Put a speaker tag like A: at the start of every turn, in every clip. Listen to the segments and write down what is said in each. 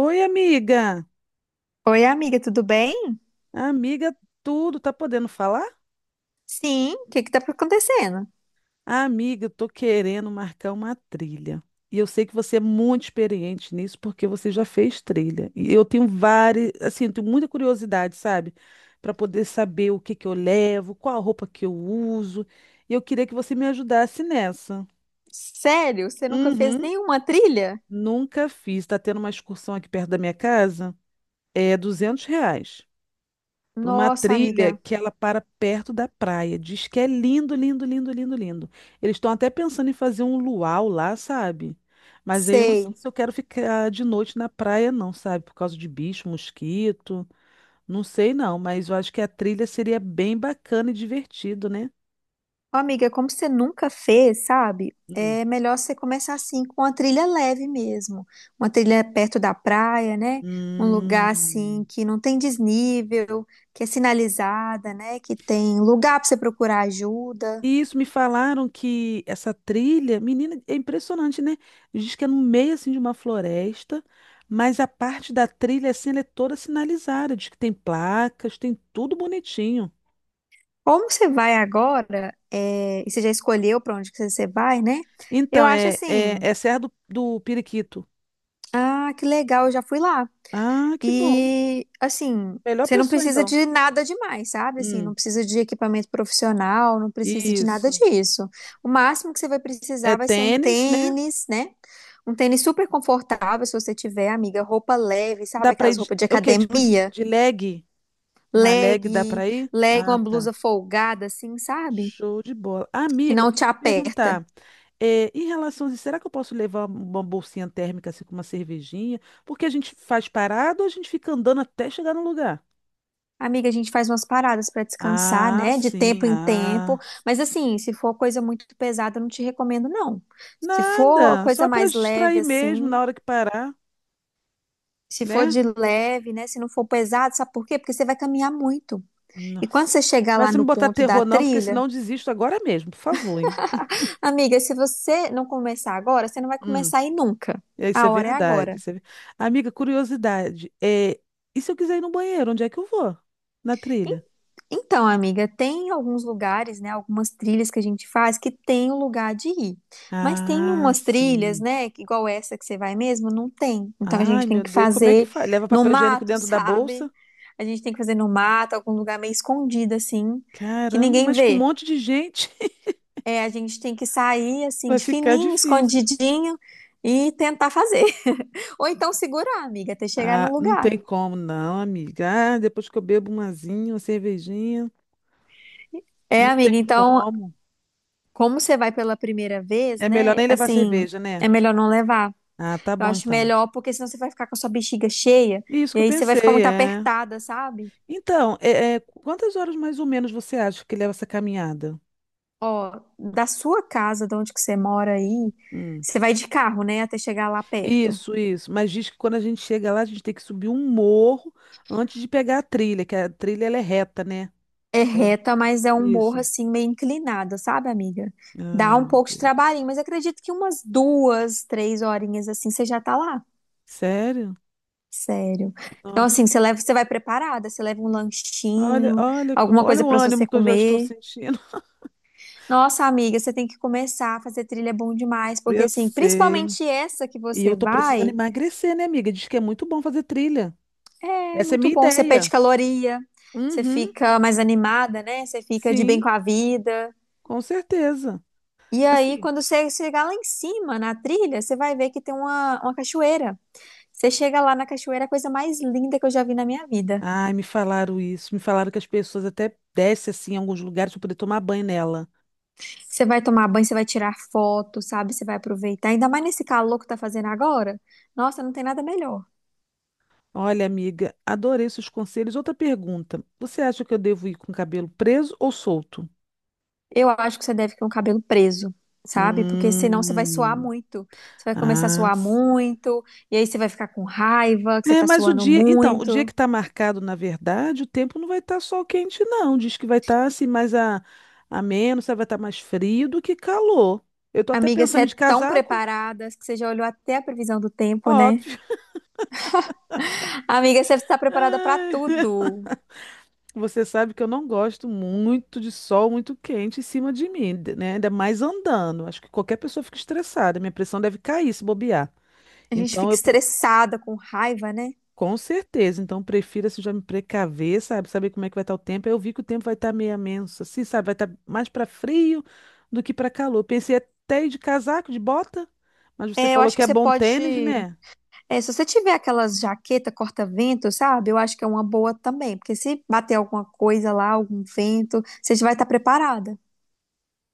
A: Oi, amiga.
B: Oi, amiga, tudo bem?
A: Amiga, tudo tá podendo falar?
B: Sim, o que que tá acontecendo?
A: Amiga, eu tô querendo marcar uma trilha. E eu sei que você é muito experiente nisso porque você já fez trilha. E eu tenho várias, assim, eu tenho muita curiosidade, sabe? Para poder saber o que que eu levo, qual a roupa que eu uso. E eu queria que você me ajudasse nessa.
B: Sério, você nunca fez
A: Uhum.
B: nenhuma trilha?
A: Nunca fiz. Tá tendo uma excursão aqui perto da minha casa. É R$ 200. Para uma
B: Nossa,
A: trilha
B: amiga,
A: que ela para perto da praia. Diz que é lindo, lindo, lindo, lindo, lindo. Eles estão até pensando em fazer um luau lá, sabe? Mas aí eu não sei
B: sei.
A: se eu quero ficar de noite na praia, não, sabe? Por causa de bicho, mosquito. Não sei, não, mas eu acho que a trilha seria bem bacana e divertido, né?
B: Ó, amiga, como você nunca fez, sabe?
A: Hum.
B: É melhor você começar assim com uma trilha leve mesmo. Uma trilha perto da praia, né? Um lugar assim
A: Hum.
B: que não tem desnível, que é sinalizada, né? Que tem lugar para você procurar ajuda.
A: E isso me falaram que essa trilha, menina, é impressionante, né? Diz que é no meio assim de uma floresta, mas a parte da trilha assim ela é toda sinalizada, diz que tem placas, tem tudo bonitinho.
B: Como você vai agora, é, e você já escolheu para onde que você vai, né? Eu
A: Então
B: acho
A: é é,
B: assim.
A: é Serra do Periquito.
B: Ah, que legal, eu já fui lá.
A: Ah, que bom.
B: E assim,
A: Melhor
B: você não
A: pessoa
B: precisa
A: então.
B: de nada demais, sabe? Assim, não
A: Hum,
B: precisa de equipamento profissional, não precisa de nada
A: isso.
B: disso. O máximo que você vai
A: É
B: precisar vai ser um
A: tênis, né?
B: tênis, né? Um tênis super confortável, se você tiver, amiga, roupa leve,
A: Dá
B: sabe?
A: pra ir
B: Aquelas
A: de,
B: roupas de
A: é o quê? Tipo
B: academia,
A: de leg? Uma leg dá
B: leg,
A: pra ir?
B: leg,
A: Ah,
B: uma
A: tá.
B: blusa folgada, assim, sabe?
A: Show de bola.
B: Que
A: Amiga,
B: não te
A: deixa eu te
B: aperta.
A: perguntar. É, em relação a isso, será que eu posso levar uma bolsinha térmica assim com uma cervejinha? Porque a gente faz parado ou a gente fica andando até chegar no lugar?
B: Amiga, a gente faz umas paradas pra descansar,
A: Ah,
B: né? De
A: sim,
B: tempo em tempo.
A: ah.
B: Mas assim, se for coisa muito pesada, eu não te recomendo, não. Se for
A: Nada,
B: coisa
A: só para
B: mais leve,
A: distrair mesmo
B: assim,
A: na hora que parar,
B: se for
A: né?
B: de leve, né? Se não for pesado, sabe por quê? Porque você vai caminhar muito. E quando
A: Nossa.
B: você chegar
A: Mas
B: lá
A: se me
B: no
A: botar
B: ponto da
A: terror não, porque senão
B: trilha,
A: eu desisto agora mesmo, por favor, hein?
B: amiga, se você não começar agora, você não vai
A: Hum,
B: começar aí nunca.
A: é, isso
B: A
A: é
B: hora é
A: verdade.
B: agora.
A: Amiga, curiosidade. E se eu quiser ir no banheiro, onde é que eu vou? Na trilha?
B: Então, amiga, tem alguns lugares, né, algumas trilhas que a gente faz que tem o lugar de ir. Mas tem
A: Ah,
B: umas trilhas,
A: sim.
B: né, que igual essa que você vai mesmo, não tem. Então a
A: Ai,
B: gente tem
A: meu
B: que
A: Deus, como é que
B: fazer
A: faz? Leva
B: no
A: papel higiênico
B: mato,
A: dentro da
B: sabe?
A: bolsa?
B: A gente tem que fazer no mato, algum lugar meio escondido assim, que
A: Caramba,
B: ninguém
A: mas com um
B: vê.
A: monte de gente
B: É, a gente tem que sair assim
A: vai
B: de
A: ficar
B: fininho,
A: difícil.
B: escondidinho e tentar fazer. Ou então segurar, amiga, até chegar no
A: Ah, não
B: lugar.
A: tem como, não, amiga. Ah, depois que eu bebo um azinho, uma cervejinha,
B: É,
A: não tem
B: amiga, então,
A: como.
B: como você vai pela primeira vez,
A: É melhor
B: né?
A: nem levar
B: Assim,
A: cerveja, né?
B: é melhor não levar.
A: Ah, tá
B: Eu
A: bom
B: acho
A: então.
B: melhor, porque senão você vai ficar com a sua bexiga cheia
A: Isso
B: e
A: que eu
B: aí você vai ficar
A: pensei,
B: muito
A: é.
B: apertada, sabe?
A: Então, quantas horas mais ou menos você acha que leva essa caminhada?
B: Ó, da sua casa, de onde que você mora aí,
A: Hum.
B: você vai de carro, né, até chegar lá perto.
A: Isso, isso. Mas diz que quando a gente chega lá, a gente tem que subir um morro antes de pegar a trilha, que a trilha ela é reta, né?
B: É reta, mas é um morro
A: Isso.
B: assim meio inclinado, sabe, amiga?
A: Ai,
B: Dá um
A: meu
B: pouco de trabalhinho,
A: Deus.
B: mas acredito que umas duas, três horinhas assim você já tá lá.
A: Sério?
B: Sério. Então, assim,
A: Nossa.
B: você leva, você vai preparada, você leva um
A: Olha,
B: lanchinho,
A: olha,
B: alguma
A: olha
B: coisa
A: o
B: pra
A: ânimo
B: você
A: que eu já estou
B: comer.
A: sentindo.
B: Nossa, amiga, você tem que começar a fazer trilha é bom demais, porque
A: Eu
B: assim,
A: sei.
B: principalmente essa que
A: E
B: você
A: eu tô precisando
B: vai,
A: emagrecer, né, amiga? Diz que é muito bom fazer trilha.
B: é
A: Essa é
B: muito
A: minha
B: bom. Você perde
A: ideia.
B: caloria, você
A: Uhum.
B: fica mais animada, né? Você fica de bem
A: Sim,
B: com a vida.
A: com certeza.
B: E aí,
A: Assim.
B: quando você chegar lá em cima na trilha, você vai ver que tem uma cachoeira. Você chega lá na cachoeira, é a coisa mais linda que eu já vi na minha vida.
A: Ai, me falaram isso. Me falaram que as pessoas até descem assim em alguns lugares para poder tomar banho nela.
B: Você vai tomar banho, você vai tirar foto, sabe? Você vai aproveitar. Ainda mais nesse calor que tá fazendo agora. Nossa, não tem nada melhor.
A: Olha, amiga, adorei seus conselhos. Outra pergunta. Você acha que eu devo ir com o cabelo preso ou solto?
B: Eu acho que você deve ter um cabelo preso, sabe? Porque senão você vai suar
A: Hum.
B: muito. Você vai começar a
A: Ah,
B: suar
A: s-
B: muito, e aí você vai ficar com raiva, que você
A: é,
B: tá
A: mas o
B: suando
A: dia, então, o dia que
B: muito.
A: está marcado, na verdade, o tempo não vai estar sol quente, não. Diz que vai estar assim mais a, ameno, sabe, vai estar mais frio do que calor. Eu tô até
B: Amiga, você
A: pensando
B: é
A: de
B: tão
A: casaco,
B: preparada, que você já olhou até a previsão do tempo, né?
A: óbvio.
B: Amiga, você está preparada pra
A: Ai,
B: tudo.
A: você sabe que eu não gosto muito de sol muito quente em cima de mim, né? Ainda mais andando. Acho que qualquer pessoa fica estressada. Minha pressão deve cair se bobear.
B: A gente
A: Então
B: fica
A: eu
B: estressada, com raiva, né?
A: Com certeza, então prefiro assim já me precaver, sabe? Saber como é que vai estar o tempo. Aí eu vi que o tempo vai estar meio ameno, assim, sabe? Vai estar mais para frio do que para calor. Pensei até ir de casaco, de bota, mas você
B: É, eu
A: falou
B: acho
A: que
B: que
A: é
B: você
A: bom tênis,
B: pode.
A: né?
B: É, se você tiver aquelas jaqueta corta-vento, sabe? Eu acho que é uma boa também, porque se bater alguma coisa lá, algum vento, você já vai estar preparada.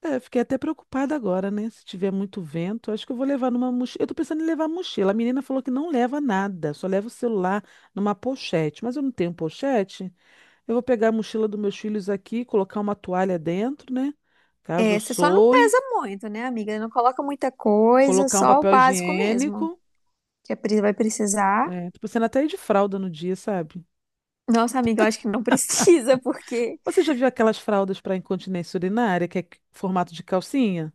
A: É, eu fiquei até preocupada agora, né? Se tiver muito vento, acho que eu vou levar numa mochila. Eu tô pensando em levar mochila. A menina falou que não leva nada, só leva o celular numa pochete. Mas eu não tenho pochete. Eu vou pegar a mochila dos meus filhos aqui, colocar uma toalha dentro, né? Caso eu
B: É, você só não
A: soe.
B: pesa muito, né, amiga? Não coloca muita coisa,
A: Colocar um
B: só o
A: papel
B: básico mesmo,
A: higiênico.
B: que a Pri vai precisar.
A: É, tô pensando até ir de fralda no dia, sabe?
B: Nossa, amiga, eu acho que não precisa, porque.
A: Você já viu aquelas fraldas para incontinência urinária, que é formato de calcinha?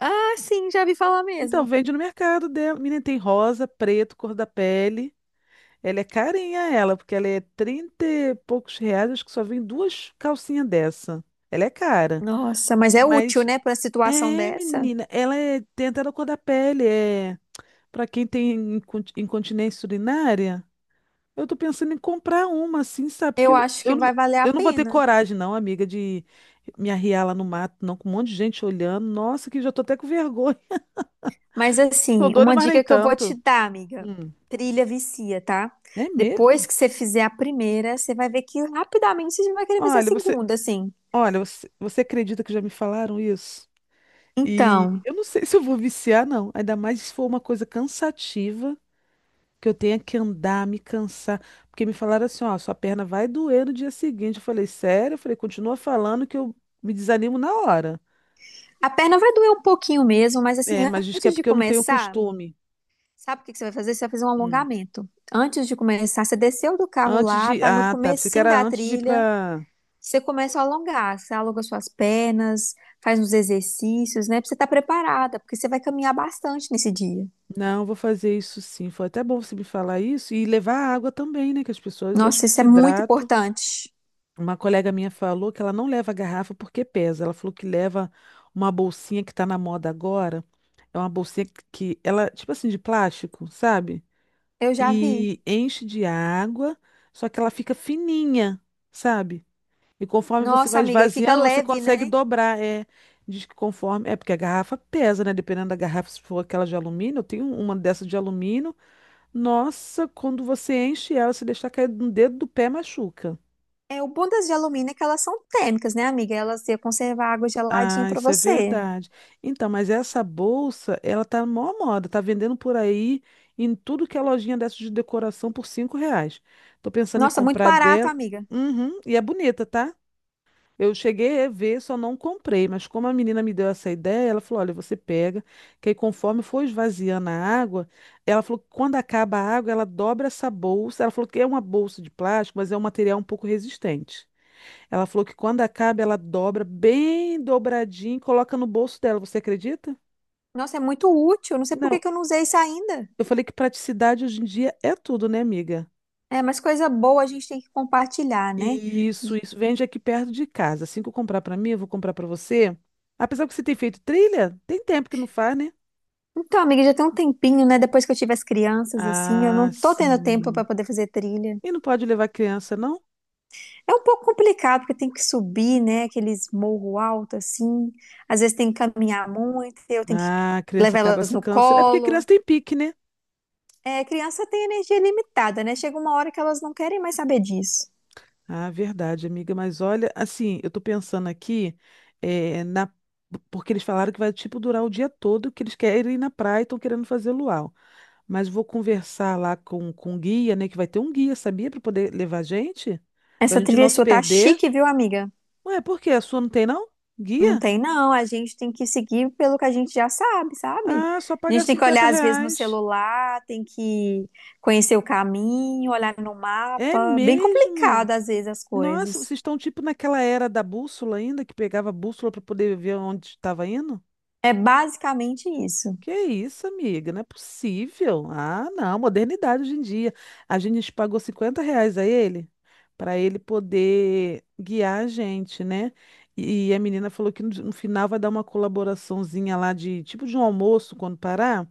B: Ah, sim, já vi falar
A: Então,
B: mesmo.
A: vende no mercado dela. Menina, tem rosa, preto, cor da pele. Ela é carinha, ela, porque ela é 30 e poucos reais, acho que só vem duas calcinhas dessa. Ela é cara.
B: Nossa, mas é útil,
A: Mas,
B: né, para situação
A: é,
B: dessa?
A: menina, ela é, tem até na cor da pele, é. Para quem tem incontinência urinária, eu tô pensando em comprar uma, assim, sabe? Porque
B: Eu acho que vai valer a
A: eu não vou ter
B: pena.
A: coragem, não, amiga, de me arriar lá no mato, não, com um monte de gente olhando. Nossa, que já tô até com vergonha.
B: Mas
A: Tô
B: assim,
A: doida,
B: uma
A: mas nem
B: dica que eu vou te
A: tanto.
B: dar, amiga:
A: Hum.
B: trilha vicia, tá?
A: É mesmo?
B: Depois que você fizer a primeira, você vai ver que rapidamente você já vai querer fazer a
A: Olha, você,
B: segunda, assim.
A: olha, você, você acredita que já me falaram isso? E
B: Então,
A: eu não sei se eu vou viciar, não. Ainda mais se for uma coisa cansativa, que eu tenha que andar, me cansar. Porque me falaram assim, ó, sua perna vai doer no dia seguinte. Eu falei, sério? Eu falei, continua falando que eu me desanimo na hora.
B: a perna vai doer um pouquinho mesmo, mas assim,
A: É, mas diz que é
B: antes de
A: porque eu não tenho
B: começar.
A: costume.
B: Sabe o que que você vai fazer? Você vai fazer um
A: Hum.
B: alongamento. Antes de começar, você desceu do carro
A: Antes
B: lá,
A: de.
B: tá no
A: Ah, tá. Pensei que
B: comecinho
A: era
B: da
A: antes de ir
B: trilha,
A: pra.
B: você começa a alongar, você alonga suas pernas, faz uns exercícios, né? Pra você estar preparada, porque você vai caminhar bastante nesse dia.
A: Não, eu vou fazer isso sim. Foi até bom você me falar isso. E levar água também, né? Que as pessoas acho
B: Nossa,
A: que
B: isso
A: se
B: é muito
A: hidratam.
B: importante.
A: Uma colega minha falou que ela não leva garrafa porque pesa. Ela falou que leva uma bolsinha que tá na moda agora. É uma bolsinha que ela, tipo assim, de plástico, sabe?
B: Eu já vi.
A: E enche de água, só que ela fica fininha, sabe? E conforme você
B: Nossa,
A: vai
B: amiga, e fica
A: esvaziando, você
B: leve,
A: consegue
B: né?
A: dobrar. É, diz que conforme. É porque a garrafa pesa, né? Dependendo da garrafa, se for aquela de alumínio, eu tenho uma dessa de alumínio. Nossa, quando você enche ela, se deixar cair no dedo do pé, machuca.
B: É, o bom das de alumínio é que elas são térmicas, né, amiga? Elas iam conservar água geladinha
A: Ah,
B: pra
A: isso é
B: você.
A: verdade. Então, mas essa bolsa, ela tá mó moda, tá vendendo por aí em tudo que é lojinha dessa de decoração por R$ 5. Tô pensando em
B: Nossa, muito
A: comprar
B: barato,
A: dela.
B: amiga.
A: Uhum, e é bonita, tá? Eu cheguei a ver, só não comprei, mas como a menina me deu essa ideia, ela falou: olha, você pega, que aí conforme for esvaziando a água, ela falou que quando acaba a água, ela dobra essa bolsa. Ela falou que é uma bolsa de plástico, mas é um material um pouco resistente. Ela falou que quando acaba, ela dobra bem dobradinho e coloca no bolso dela. Você acredita?
B: Nossa, é muito útil. Não sei por que
A: Não,
B: que eu não usei isso ainda.
A: eu falei que praticidade hoje em dia é tudo, né, amiga?
B: É, mas coisa boa a gente tem que compartilhar, né?
A: Isso, isso. Vende aqui perto de casa. Assim que eu comprar pra mim, eu vou comprar pra você. Apesar que você tem feito trilha, tem tempo que não faz, né?
B: Então, amiga, já tem um tempinho, né? Depois que eu tive as crianças, assim, eu não
A: Ah,
B: tô tendo tempo
A: sim.
B: pra poder fazer trilha.
A: E não pode levar criança, não?
B: É um pouco complicado, porque tem que subir, né? Aqueles morro alto, assim. Às vezes tem que caminhar muito, eu tenho que
A: Ah, a criança
B: levar
A: acaba
B: elas
A: se
B: no
A: cansando. É porque criança
B: colo.
A: tem pique, né?
B: É, criança tem energia limitada, né? Chega uma hora que elas não querem mais saber disso.
A: Ah, verdade, amiga. Mas olha, assim, eu tô pensando aqui, eh, na... porque eles falaram que vai, tipo, durar o dia todo, que eles querem ir na praia e estão querendo fazer luau. Mas vou conversar lá com o guia, né? Que vai ter um guia, sabia? Pra poder levar a gente? Pra
B: Essa
A: gente
B: trilha
A: não se
B: sua tá
A: perder.
B: chique, viu, amiga?
A: Ué, por quê? A sua não tem, não?
B: Não
A: Guia?
B: tem, não. A gente tem que seguir pelo que a gente já sabe, sabe?
A: Ah, só
B: A
A: pagar
B: gente tem que
A: cinquenta
B: olhar, às vezes, no
A: reais.
B: celular, tem que conhecer o caminho, olhar no
A: É
B: mapa. Bem
A: mesmo?
B: complicado, às vezes, as
A: Nossa,
B: coisas.
A: vocês estão tipo naquela era da bússola ainda, que pegava a bússola para poder ver onde estava indo?
B: É basicamente isso.
A: Que isso, amiga? Não é possível. Ah, não, modernidade hoje em dia. A gente pagou R$ 50 a ele para ele poder guiar a gente, né? E a menina falou que no final vai dar uma colaboraçãozinha lá de tipo de um almoço quando parar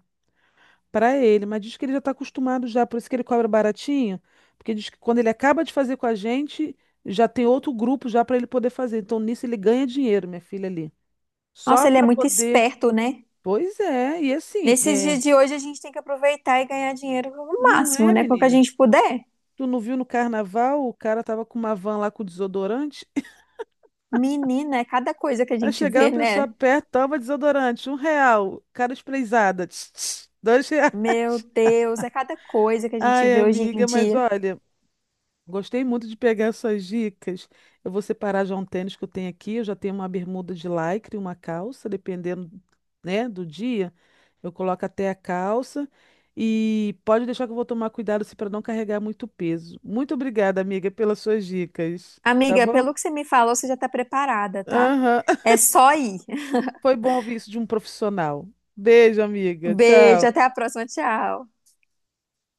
A: para ele, mas diz que ele já está acostumado já, por isso que ele cobra baratinho, porque diz que quando ele acaba de fazer com a gente, já tem outro grupo já para ele poder fazer. Então nisso ele ganha dinheiro, minha filha ali. Só
B: Nossa, ele é
A: para
B: muito
A: poder.
B: esperto, né?
A: Pois é, e assim,
B: Nesses
A: é,
B: dias de hoje, a gente tem que aproveitar e ganhar dinheiro o
A: não
B: máximo,
A: é,
B: né? Com o que a
A: menina.
B: gente puder.
A: Tu não viu no carnaval, o cara tava com uma van lá com desodorante.
B: Menina, é cada coisa que a
A: Aí
B: gente
A: chegava a
B: vê,
A: pessoa
B: né?
A: perto, toma desodorante, R$ 1, cara esprezada, tss, R$ 2.
B: Meu Deus, é cada coisa que a gente
A: Ai,
B: vê hoje em
A: amiga, mas
B: dia.
A: olha. Gostei muito de pegar essas dicas. Eu vou separar já um tênis que eu tenho aqui. Eu já tenho uma bermuda de lycra e uma calça, dependendo, né, do dia. Eu coloco até a calça. E pode deixar que eu vou tomar cuidado assim, para não carregar muito peso. Muito obrigada, amiga, pelas suas dicas. Tá
B: Amiga,
A: bom?
B: pelo que você me falou, você já tá preparada, tá?
A: Aham.
B: É só ir.
A: Foi bom ouvir isso de um profissional. Beijo, amiga.
B: Beijo,
A: Tchau.
B: até a próxima, tchau.